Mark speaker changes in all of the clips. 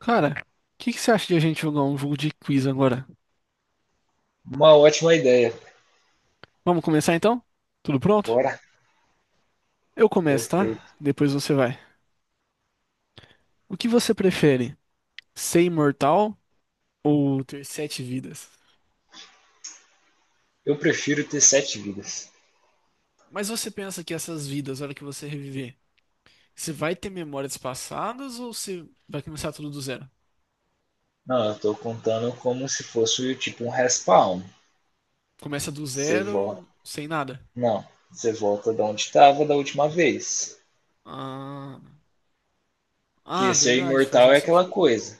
Speaker 1: Cara, o que que você acha de a gente jogar um jogo de quiz agora?
Speaker 2: Uma ótima ideia.
Speaker 1: Vamos começar então? Tudo pronto?
Speaker 2: Bora.
Speaker 1: Eu começo, tá?
Speaker 2: Perfeito.
Speaker 1: Depois você vai. O que você prefere? Ser imortal ou ter sete vidas?
Speaker 2: Eu prefiro ter sete vidas.
Speaker 1: Mas você pensa que essas vidas, a hora que você reviver, você vai ter memórias passadas ou você vai começar tudo do zero?
Speaker 2: Não, eu tô contando como se fosse tipo um respawn.
Speaker 1: Começa do
Speaker 2: Você volta.
Speaker 1: zero, sem nada.
Speaker 2: Não, você volta de onde estava da última vez.
Speaker 1: Ah, ah,
Speaker 2: Porque ser
Speaker 1: verdade, faz
Speaker 2: imortal
Speaker 1: mais
Speaker 2: é aquela
Speaker 1: sentido.
Speaker 2: coisa.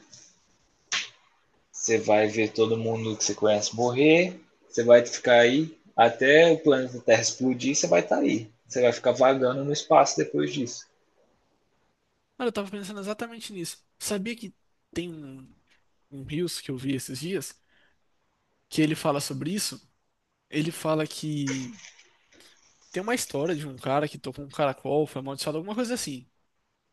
Speaker 2: Você vai ver todo mundo que você conhece morrer. Você vai ficar aí até o planeta Terra explodir. Você vai estar tá aí. Você vai ficar vagando no espaço depois disso.
Speaker 1: Cara, eu tava pensando exatamente nisso. Sabia que tem um Reels que eu vi esses dias que ele fala sobre isso? Ele fala que tem uma história de um cara que tocou um caracol, foi amaldiçoado, alguma coisa assim.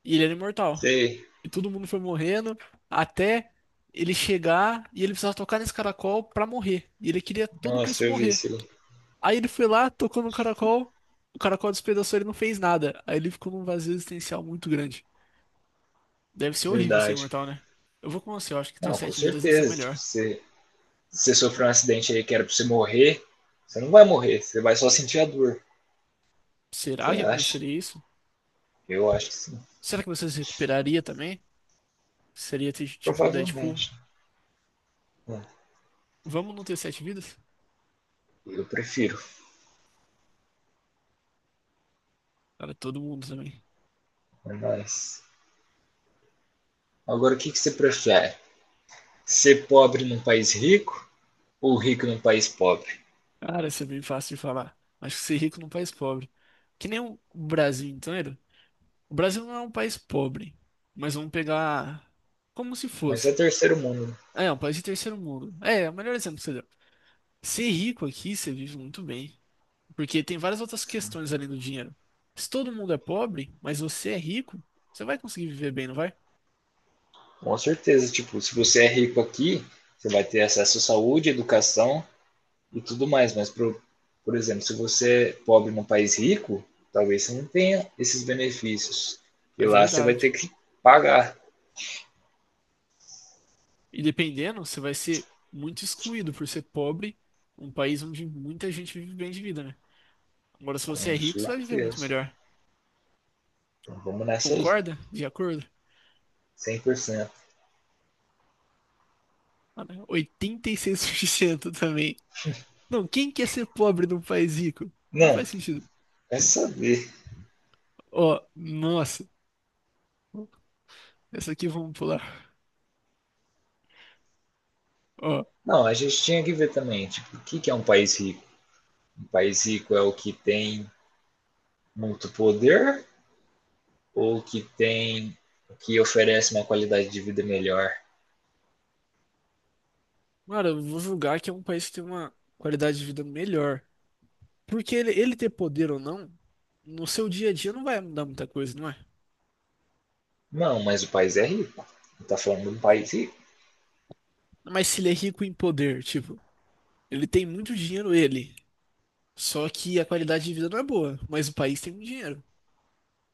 Speaker 1: E ele era imortal.
Speaker 2: Sei.
Speaker 1: E todo mundo foi morrendo até ele chegar e ele precisava tocar nesse caracol pra morrer. E ele queria todo
Speaker 2: Nossa,
Speaker 1: Cristo
Speaker 2: eu vi
Speaker 1: morrer.
Speaker 2: isso.
Speaker 1: Aí ele foi lá, tocou no caracol, o caracol despedaçou, ele não fez nada. Aí ele ficou num vazio existencial muito grande. Deve ser horrível ser
Speaker 2: Verdade.
Speaker 1: imortal, né? Eu vou com você, eu acho que ter
Speaker 2: Não, com
Speaker 1: sete vidas deve ser
Speaker 2: certeza. Tipo,
Speaker 1: melhor.
Speaker 2: você sofreu um acidente aí que era pra você morrer, você não vai morrer, você vai só sentir a dor. Você
Speaker 1: Será que
Speaker 2: acha?
Speaker 1: aconteceria isso?
Speaker 2: Eu acho que sim.
Speaker 1: Será que você se recuperaria também? Seria tipo um Deadpool?
Speaker 2: Provavelmente. É,
Speaker 1: Vamos não ter sete vidas?
Speaker 2: eu prefiro.
Speaker 1: Cara, todo mundo também.
Speaker 2: É nóis. Agora, o que, que você prefere? Ser pobre num país rico ou rico num país pobre?
Speaker 1: Cara, isso é bem fácil de falar. Acho que ser rico num país pobre. Que nem o Brasil inteiro. O Brasil não é um país pobre. Mas vamos pegar como se
Speaker 2: Mas é
Speaker 1: fosse.
Speaker 2: terceiro mundo, né?
Speaker 1: É, é um país de terceiro mundo. É, é o melhor exemplo que você deu. Ser rico aqui, você vive muito bem. Porque tem várias outras questões além do dinheiro. Se todo mundo é pobre, mas você é rico, você vai conseguir viver bem, não vai?
Speaker 2: Com certeza, tipo, se você é rico aqui, você vai ter acesso à saúde, educação, e tudo mais. Mas, por exemplo, se você é pobre num país rico, talvez você não tenha esses benefícios. E
Speaker 1: É
Speaker 2: lá você vai ter
Speaker 1: verdade.
Speaker 2: que pagar,
Speaker 1: E dependendo, você vai ser muito excluído por ser pobre, um país onde muita gente vive bem de vida, né? Agora, se você é
Speaker 2: com
Speaker 1: rico, você vai viver muito
Speaker 2: certeza.
Speaker 1: melhor.
Speaker 2: Então vamos nessa aí,
Speaker 1: Concorda? De acordo?
Speaker 2: cem por cento.
Speaker 1: Mano, 86% também. Não, quem quer ser pobre num país rico? Não
Speaker 2: Não,
Speaker 1: faz sentido.
Speaker 2: é saber.
Speaker 1: Ó, nossa. Essa aqui vamos pular. Ó,
Speaker 2: Não, a gente tinha que ver também, tipo, o que que é um país rico? Um país rico é o que tem muito poder ou que oferece uma qualidade de vida melhor?
Speaker 1: mano, eu vou julgar que é um país que tem uma qualidade de vida melhor. Porque ele ter poder ou não, no seu dia a dia não vai mudar muita coisa, não é?
Speaker 2: Não, mas o país é rico. Não, tá falando de um país rico.
Speaker 1: Mas se ele é rico em poder, tipo, ele tem muito dinheiro, ele. Só que a qualidade de vida não é boa, mas o país tem muito dinheiro.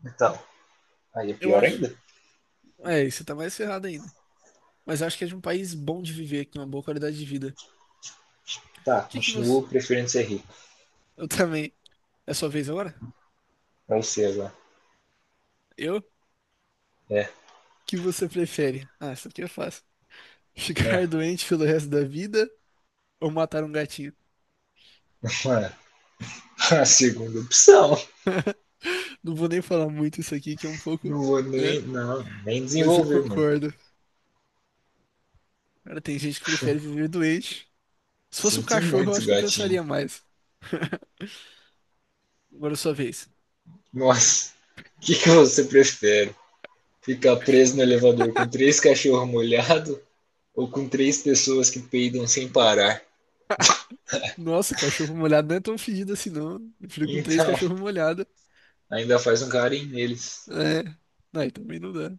Speaker 2: Então, aí é
Speaker 1: Eu
Speaker 2: pior
Speaker 1: acho.
Speaker 2: ainda.
Speaker 1: É, e você tá mais ferrado ainda. Mas eu acho que é de um país bom de viver, com uma boa qualidade de vida.
Speaker 2: Tá,
Speaker 1: O que que você.
Speaker 2: continuo preferindo ser rico.
Speaker 1: Eu também. É sua vez agora?
Speaker 2: Pra você agora.
Speaker 1: Eu? O
Speaker 2: É.
Speaker 1: que você prefere? Ah, isso aqui é fácil.
Speaker 2: É.
Speaker 1: Ficar doente pelo resto da vida ou matar um gatinho?
Speaker 2: Mano, a segunda opção.
Speaker 1: Não vou nem falar muito isso aqui, que é um pouco.
Speaker 2: Não vou
Speaker 1: Né?
Speaker 2: nem. Não, nem
Speaker 1: Mas eu
Speaker 2: desenvolver, mano.
Speaker 1: concordo. Cara, tem gente que prefere viver doente. Se fosse um
Speaker 2: Sinto
Speaker 1: cachorro, eu
Speaker 2: muito,
Speaker 1: acho que eu
Speaker 2: gatinho.
Speaker 1: pensaria mais. Agora é sua vez.
Speaker 2: Nossa. O que, que você prefere? Ficar preso no elevador com três cachorros molhados ou com três pessoas que peidam sem parar?
Speaker 1: Nossa, cachorro molhado não é tão fedido assim, não. Eu fico com três
Speaker 2: Então,
Speaker 1: cachorros molhados.
Speaker 2: ainda faz um carinho neles.
Speaker 1: É. Não, aí também não dá.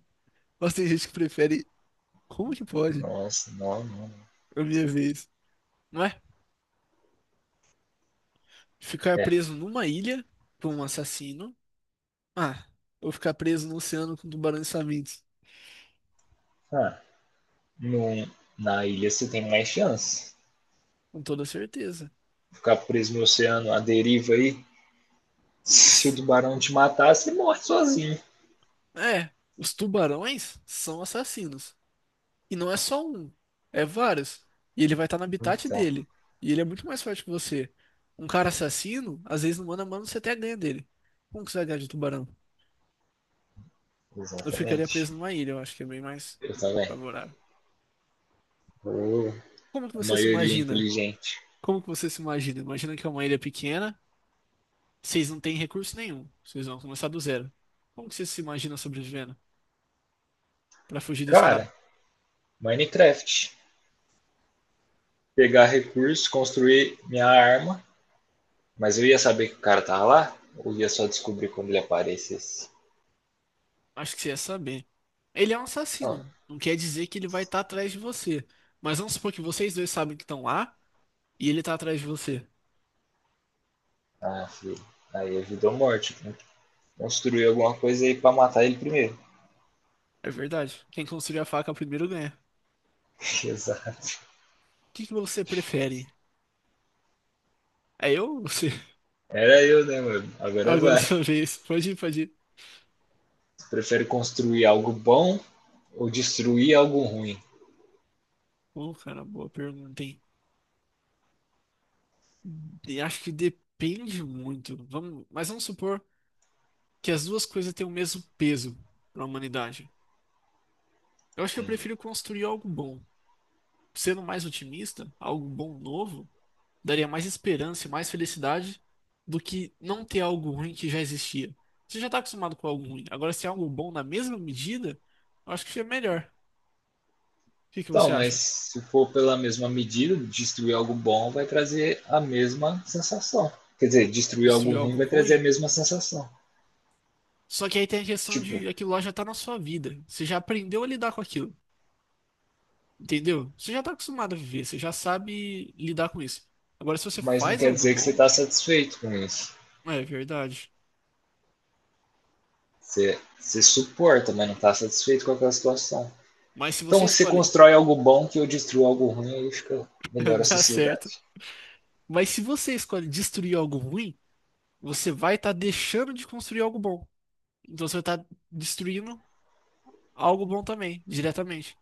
Speaker 1: Mas tem gente que prefere. Como que pode?
Speaker 2: Nossa, não, não.
Speaker 1: A minha vez. Não é? Ficar
Speaker 2: É.
Speaker 1: preso numa ilha com um assassino. Ah, ou ficar preso no oceano com tubarões famintos.
Speaker 2: Ah, no, na ilha você tem mais chance.
Speaker 1: Com toda certeza.
Speaker 2: Ficar preso no oceano, a deriva aí, se o
Speaker 1: S-
Speaker 2: tubarão te matar, você morre sozinho.
Speaker 1: É, os tubarões são assassinos. E não é só um, é vários. E ele vai estar no habitat
Speaker 2: Então,
Speaker 1: dele. E ele é muito mais forte que você. Um cara assassino, às vezes no mano a mano você até ganha dele. Como que você vai ganhar de tubarão? Eu ficaria
Speaker 2: exatamente.
Speaker 1: preso numa ilha, eu acho que é bem mais
Speaker 2: Eu também.
Speaker 1: favorável.
Speaker 2: Oh,
Speaker 1: Como que
Speaker 2: a
Speaker 1: você se
Speaker 2: maioria é
Speaker 1: imagina?
Speaker 2: inteligente.
Speaker 1: Como que você se imagina? Imagina que é uma ilha pequena, vocês não têm recurso nenhum, vocês vão começar do zero. Como que você se imagina sobrevivendo pra fugir desse
Speaker 2: Cara,
Speaker 1: cara?
Speaker 2: Minecraft. Pegar recursos, construir minha arma. Mas eu ia saber que o cara tava lá? Ou ia só descobrir quando ele aparecesse?
Speaker 1: Acho que você ia saber. Ele é um
Speaker 2: Não.
Speaker 1: assassino, não quer dizer que ele vai estar atrás de você. Mas vamos supor que vocês dois sabem que estão lá e ele tá atrás de você.
Speaker 2: Ah, filho. Aí é vida ou morte. Tem que construir alguma coisa aí pra matar ele primeiro.
Speaker 1: É verdade. Quem construir a faca primeiro ganha.
Speaker 2: Exato.
Speaker 1: O que que você prefere? É eu ou você?
Speaker 2: Era eu, né, mano? Agora
Speaker 1: Agora é
Speaker 2: vai.
Speaker 1: sua vez. Pode ir, pode ir.
Speaker 2: Prefere construir algo bom ou destruir algo ruim?
Speaker 1: Bom, cara, boa pergunta, hein? E acho que depende muito. Mas vamos supor que as duas coisas têm o mesmo peso para a humanidade. Eu acho que eu
Speaker 2: Sim.
Speaker 1: prefiro construir algo bom. Sendo mais otimista, algo bom novo, daria mais esperança e mais felicidade do que não ter algo ruim que já existia. Você já está acostumado com algo ruim. Agora, se é algo bom na mesma medida, eu acho que é melhor. O que que
Speaker 2: Então,
Speaker 1: você
Speaker 2: mas
Speaker 1: acha?
Speaker 2: se for pela mesma medida, destruir algo bom vai trazer a mesma sensação. Quer dizer, destruir algo
Speaker 1: Destruir
Speaker 2: ruim
Speaker 1: algo
Speaker 2: vai trazer a
Speaker 1: ruim?
Speaker 2: mesma sensação.
Speaker 1: Só que aí tem a questão
Speaker 2: Tipo,
Speaker 1: de aquilo lá já está na sua vida. Você já aprendeu a lidar com aquilo. Entendeu? Você já está acostumado a viver, você já sabe lidar com isso. Agora, se você
Speaker 2: mas não
Speaker 1: faz
Speaker 2: quer
Speaker 1: algo
Speaker 2: dizer que você
Speaker 1: bom.
Speaker 2: está satisfeito com isso.
Speaker 1: É verdade.
Speaker 2: Você, você suporta, mas não está satisfeito com aquela situação.
Speaker 1: Mas se você
Speaker 2: Então, você
Speaker 1: escolhe,
Speaker 2: constrói algo bom que eu destruo algo ruim e fica melhor a
Speaker 1: dá certo.
Speaker 2: sociedade.
Speaker 1: Mas se você escolhe destruir algo ruim, você vai estar deixando de construir algo bom. Então você vai estar destruindo algo bom também, diretamente.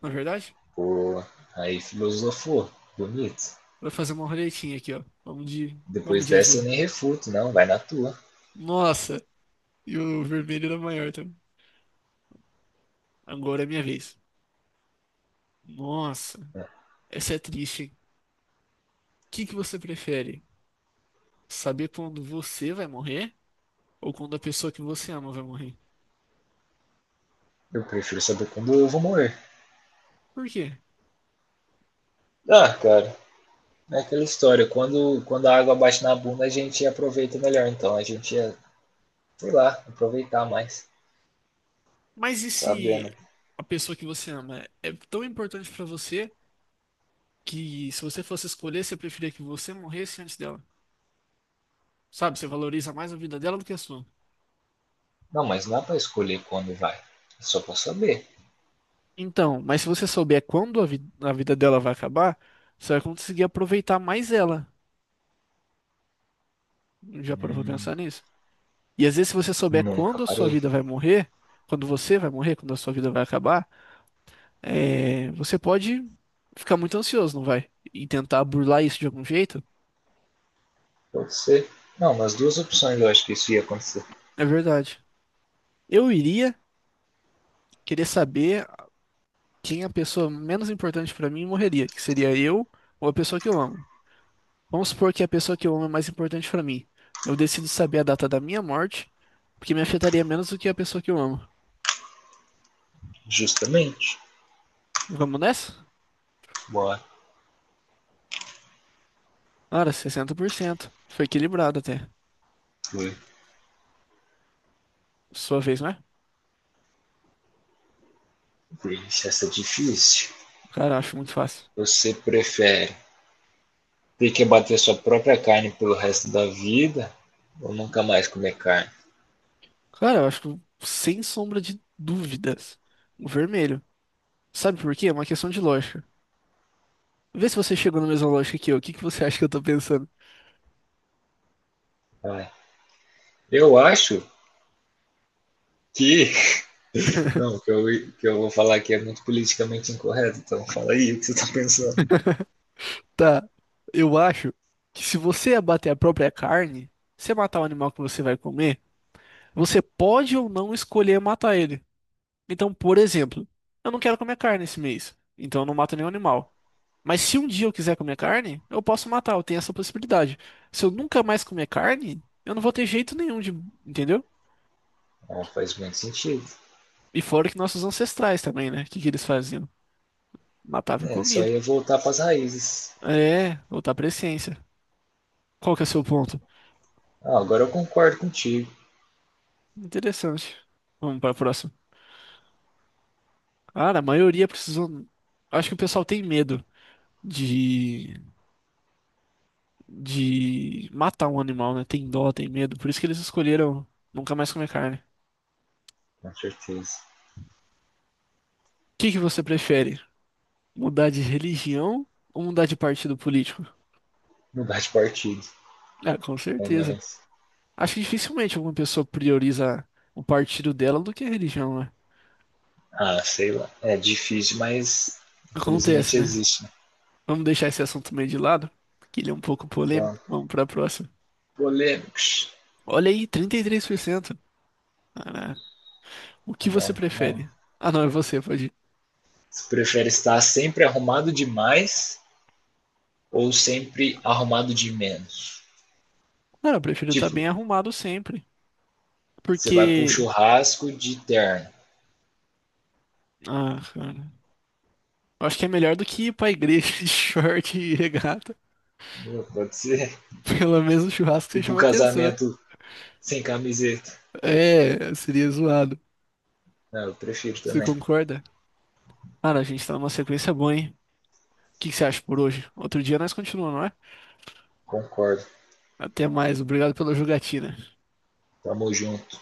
Speaker 1: Não é verdade?
Speaker 2: Pô, aí filosofou. Bonito.
Speaker 1: Vou fazer uma roletinha aqui, ó. Vamos de, vamos
Speaker 2: Depois
Speaker 1: de
Speaker 2: dessa eu
Speaker 1: azul.
Speaker 2: nem refuto, não, vai na tua.
Speaker 1: Nossa! E o vermelho era maior também. Agora é minha vez. Nossa, essa é triste, hein? O que que você prefere? Saber quando você vai morrer ou quando a pessoa que você ama vai morrer?
Speaker 2: Eu prefiro saber quando eu vou morrer.
Speaker 1: Por quê?
Speaker 2: Ah, cara, é aquela história, quando a água bate na bunda, a gente aproveita melhor, então a gente ia, sei lá, aproveitar mais,
Speaker 1: Mas e se
Speaker 2: sabendo.
Speaker 1: a pessoa que você ama é tão importante pra você que se você fosse escolher, você preferia que você morresse antes dela? Sabe, você valoriza mais a vida dela do que a sua.
Speaker 2: Não, mas não dá pra escolher quando vai, é só pra saber.
Speaker 1: Então, mas se você souber quando a vida dela vai acabar, você vai conseguir aproveitar mais ela. Já parou pra pensar
Speaker 2: Hum,
Speaker 1: nisso? E às vezes, se você souber
Speaker 2: nunca
Speaker 1: quando a sua
Speaker 2: parei,
Speaker 1: vida vai morrer, quando você vai morrer, quando a sua vida vai acabar, é, você pode ficar muito ansioso, não vai? E tentar burlar isso de algum jeito.
Speaker 2: pode ser. Não, nas duas opções eu acho que isso ia acontecer.
Speaker 1: É verdade. Eu iria querer saber quem a pessoa menos importante pra mim morreria, que seria eu ou a pessoa que eu amo. Vamos supor que a pessoa que eu amo é mais importante pra mim. Eu decido saber a data da minha morte, porque me afetaria menos do que a pessoa que eu amo.
Speaker 2: Justamente,
Speaker 1: Vamos nessa?
Speaker 2: bora,
Speaker 1: Cara, 60%. Foi equilibrado até.
Speaker 2: foi.
Speaker 1: Sua vez, né?
Speaker 2: Deixa essa é difícil.
Speaker 1: Cara, acho muito fácil.
Speaker 2: Você prefere ter que abater sua própria carne pelo resto da vida ou nunca mais comer carne?
Speaker 1: Cara, eu acho que, sem sombra de dúvidas, o vermelho. Sabe por quê? É uma questão de lógica. Vê se você chegou na mesma lógica que eu. O que que você acha que eu tô pensando?
Speaker 2: Vai. Eu acho que não, o que eu vou falar aqui é muito politicamente incorreto, então fala aí o que você tá pensando.
Speaker 1: Tá, eu acho que se você abater a própria carne, você matar o animal que você vai comer, você pode ou não escolher matar ele. Então, por exemplo, eu não quero comer carne esse mês, então eu não mato nenhum animal. Mas se um dia eu quiser comer carne, eu posso matar, eu tenho essa possibilidade. Se eu nunca mais comer carne, eu não vou ter jeito nenhum de, entendeu?
Speaker 2: Não, faz muito sentido.
Speaker 1: E fora que nossos ancestrais também, né? O que que eles faziam? Matava e
Speaker 2: É,
Speaker 1: comia.
Speaker 2: só ia voltar pras raízes.
Speaker 1: É, voltar outra presciência. Qual que é o seu ponto?
Speaker 2: Ah, agora eu concordo contigo,
Speaker 1: Interessante. Vamos para a próxima. Cara, a maioria precisou. Acho que o pessoal tem medo de, de, matar um animal, né? Tem dó, tem medo. Por isso que eles escolheram nunca mais comer carne. O
Speaker 2: com certeza.
Speaker 1: que que você prefere? Mudar de religião ou mudar de partido político?
Speaker 2: Mudar de partido,
Speaker 1: Ah, com
Speaker 2: é
Speaker 1: certeza.
Speaker 2: nóis.
Speaker 1: Acho que dificilmente alguma pessoa prioriza o partido dela do que a religião, né?
Speaker 2: Ah, sei lá. É difícil, mas
Speaker 1: Acontece,
Speaker 2: infelizmente
Speaker 1: né?
Speaker 2: existe. Né?
Speaker 1: Vamos deixar esse assunto meio de lado, que ele é um pouco polêmico.
Speaker 2: Pronto.
Speaker 1: Vamos pra próxima.
Speaker 2: Polêmicos.
Speaker 1: Olha aí, 33%. Caraca. O que
Speaker 2: Cada
Speaker 1: você
Speaker 2: um, cada um.
Speaker 1: prefere? Ah, não, é você, pode.
Speaker 2: Você prefere estar sempre arrumado demais ou sempre arrumado de menos?
Speaker 1: Cara, eu prefiro estar
Speaker 2: Tipo,
Speaker 1: bem arrumado sempre.
Speaker 2: você vai pro
Speaker 1: Porque.
Speaker 2: churrasco de terno.
Speaker 1: Ah, cara. Eu acho que é melhor do que ir pra igreja de short e regata.
Speaker 2: Pode ser.
Speaker 1: Pelo menos o churrasco
Speaker 2: E
Speaker 1: você
Speaker 2: pro
Speaker 1: chama atenção.
Speaker 2: casamento sem camiseta.
Speaker 1: É, seria zoado.
Speaker 2: Não, eu prefiro
Speaker 1: Você
Speaker 2: também.
Speaker 1: concorda? Cara, a gente tá numa sequência boa, hein? O que que você acha por hoje? Outro dia nós continuamos, não é?
Speaker 2: Concordo.
Speaker 1: Até mais. Obrigado pela jogatina.
Speaker 2: Tamo junto.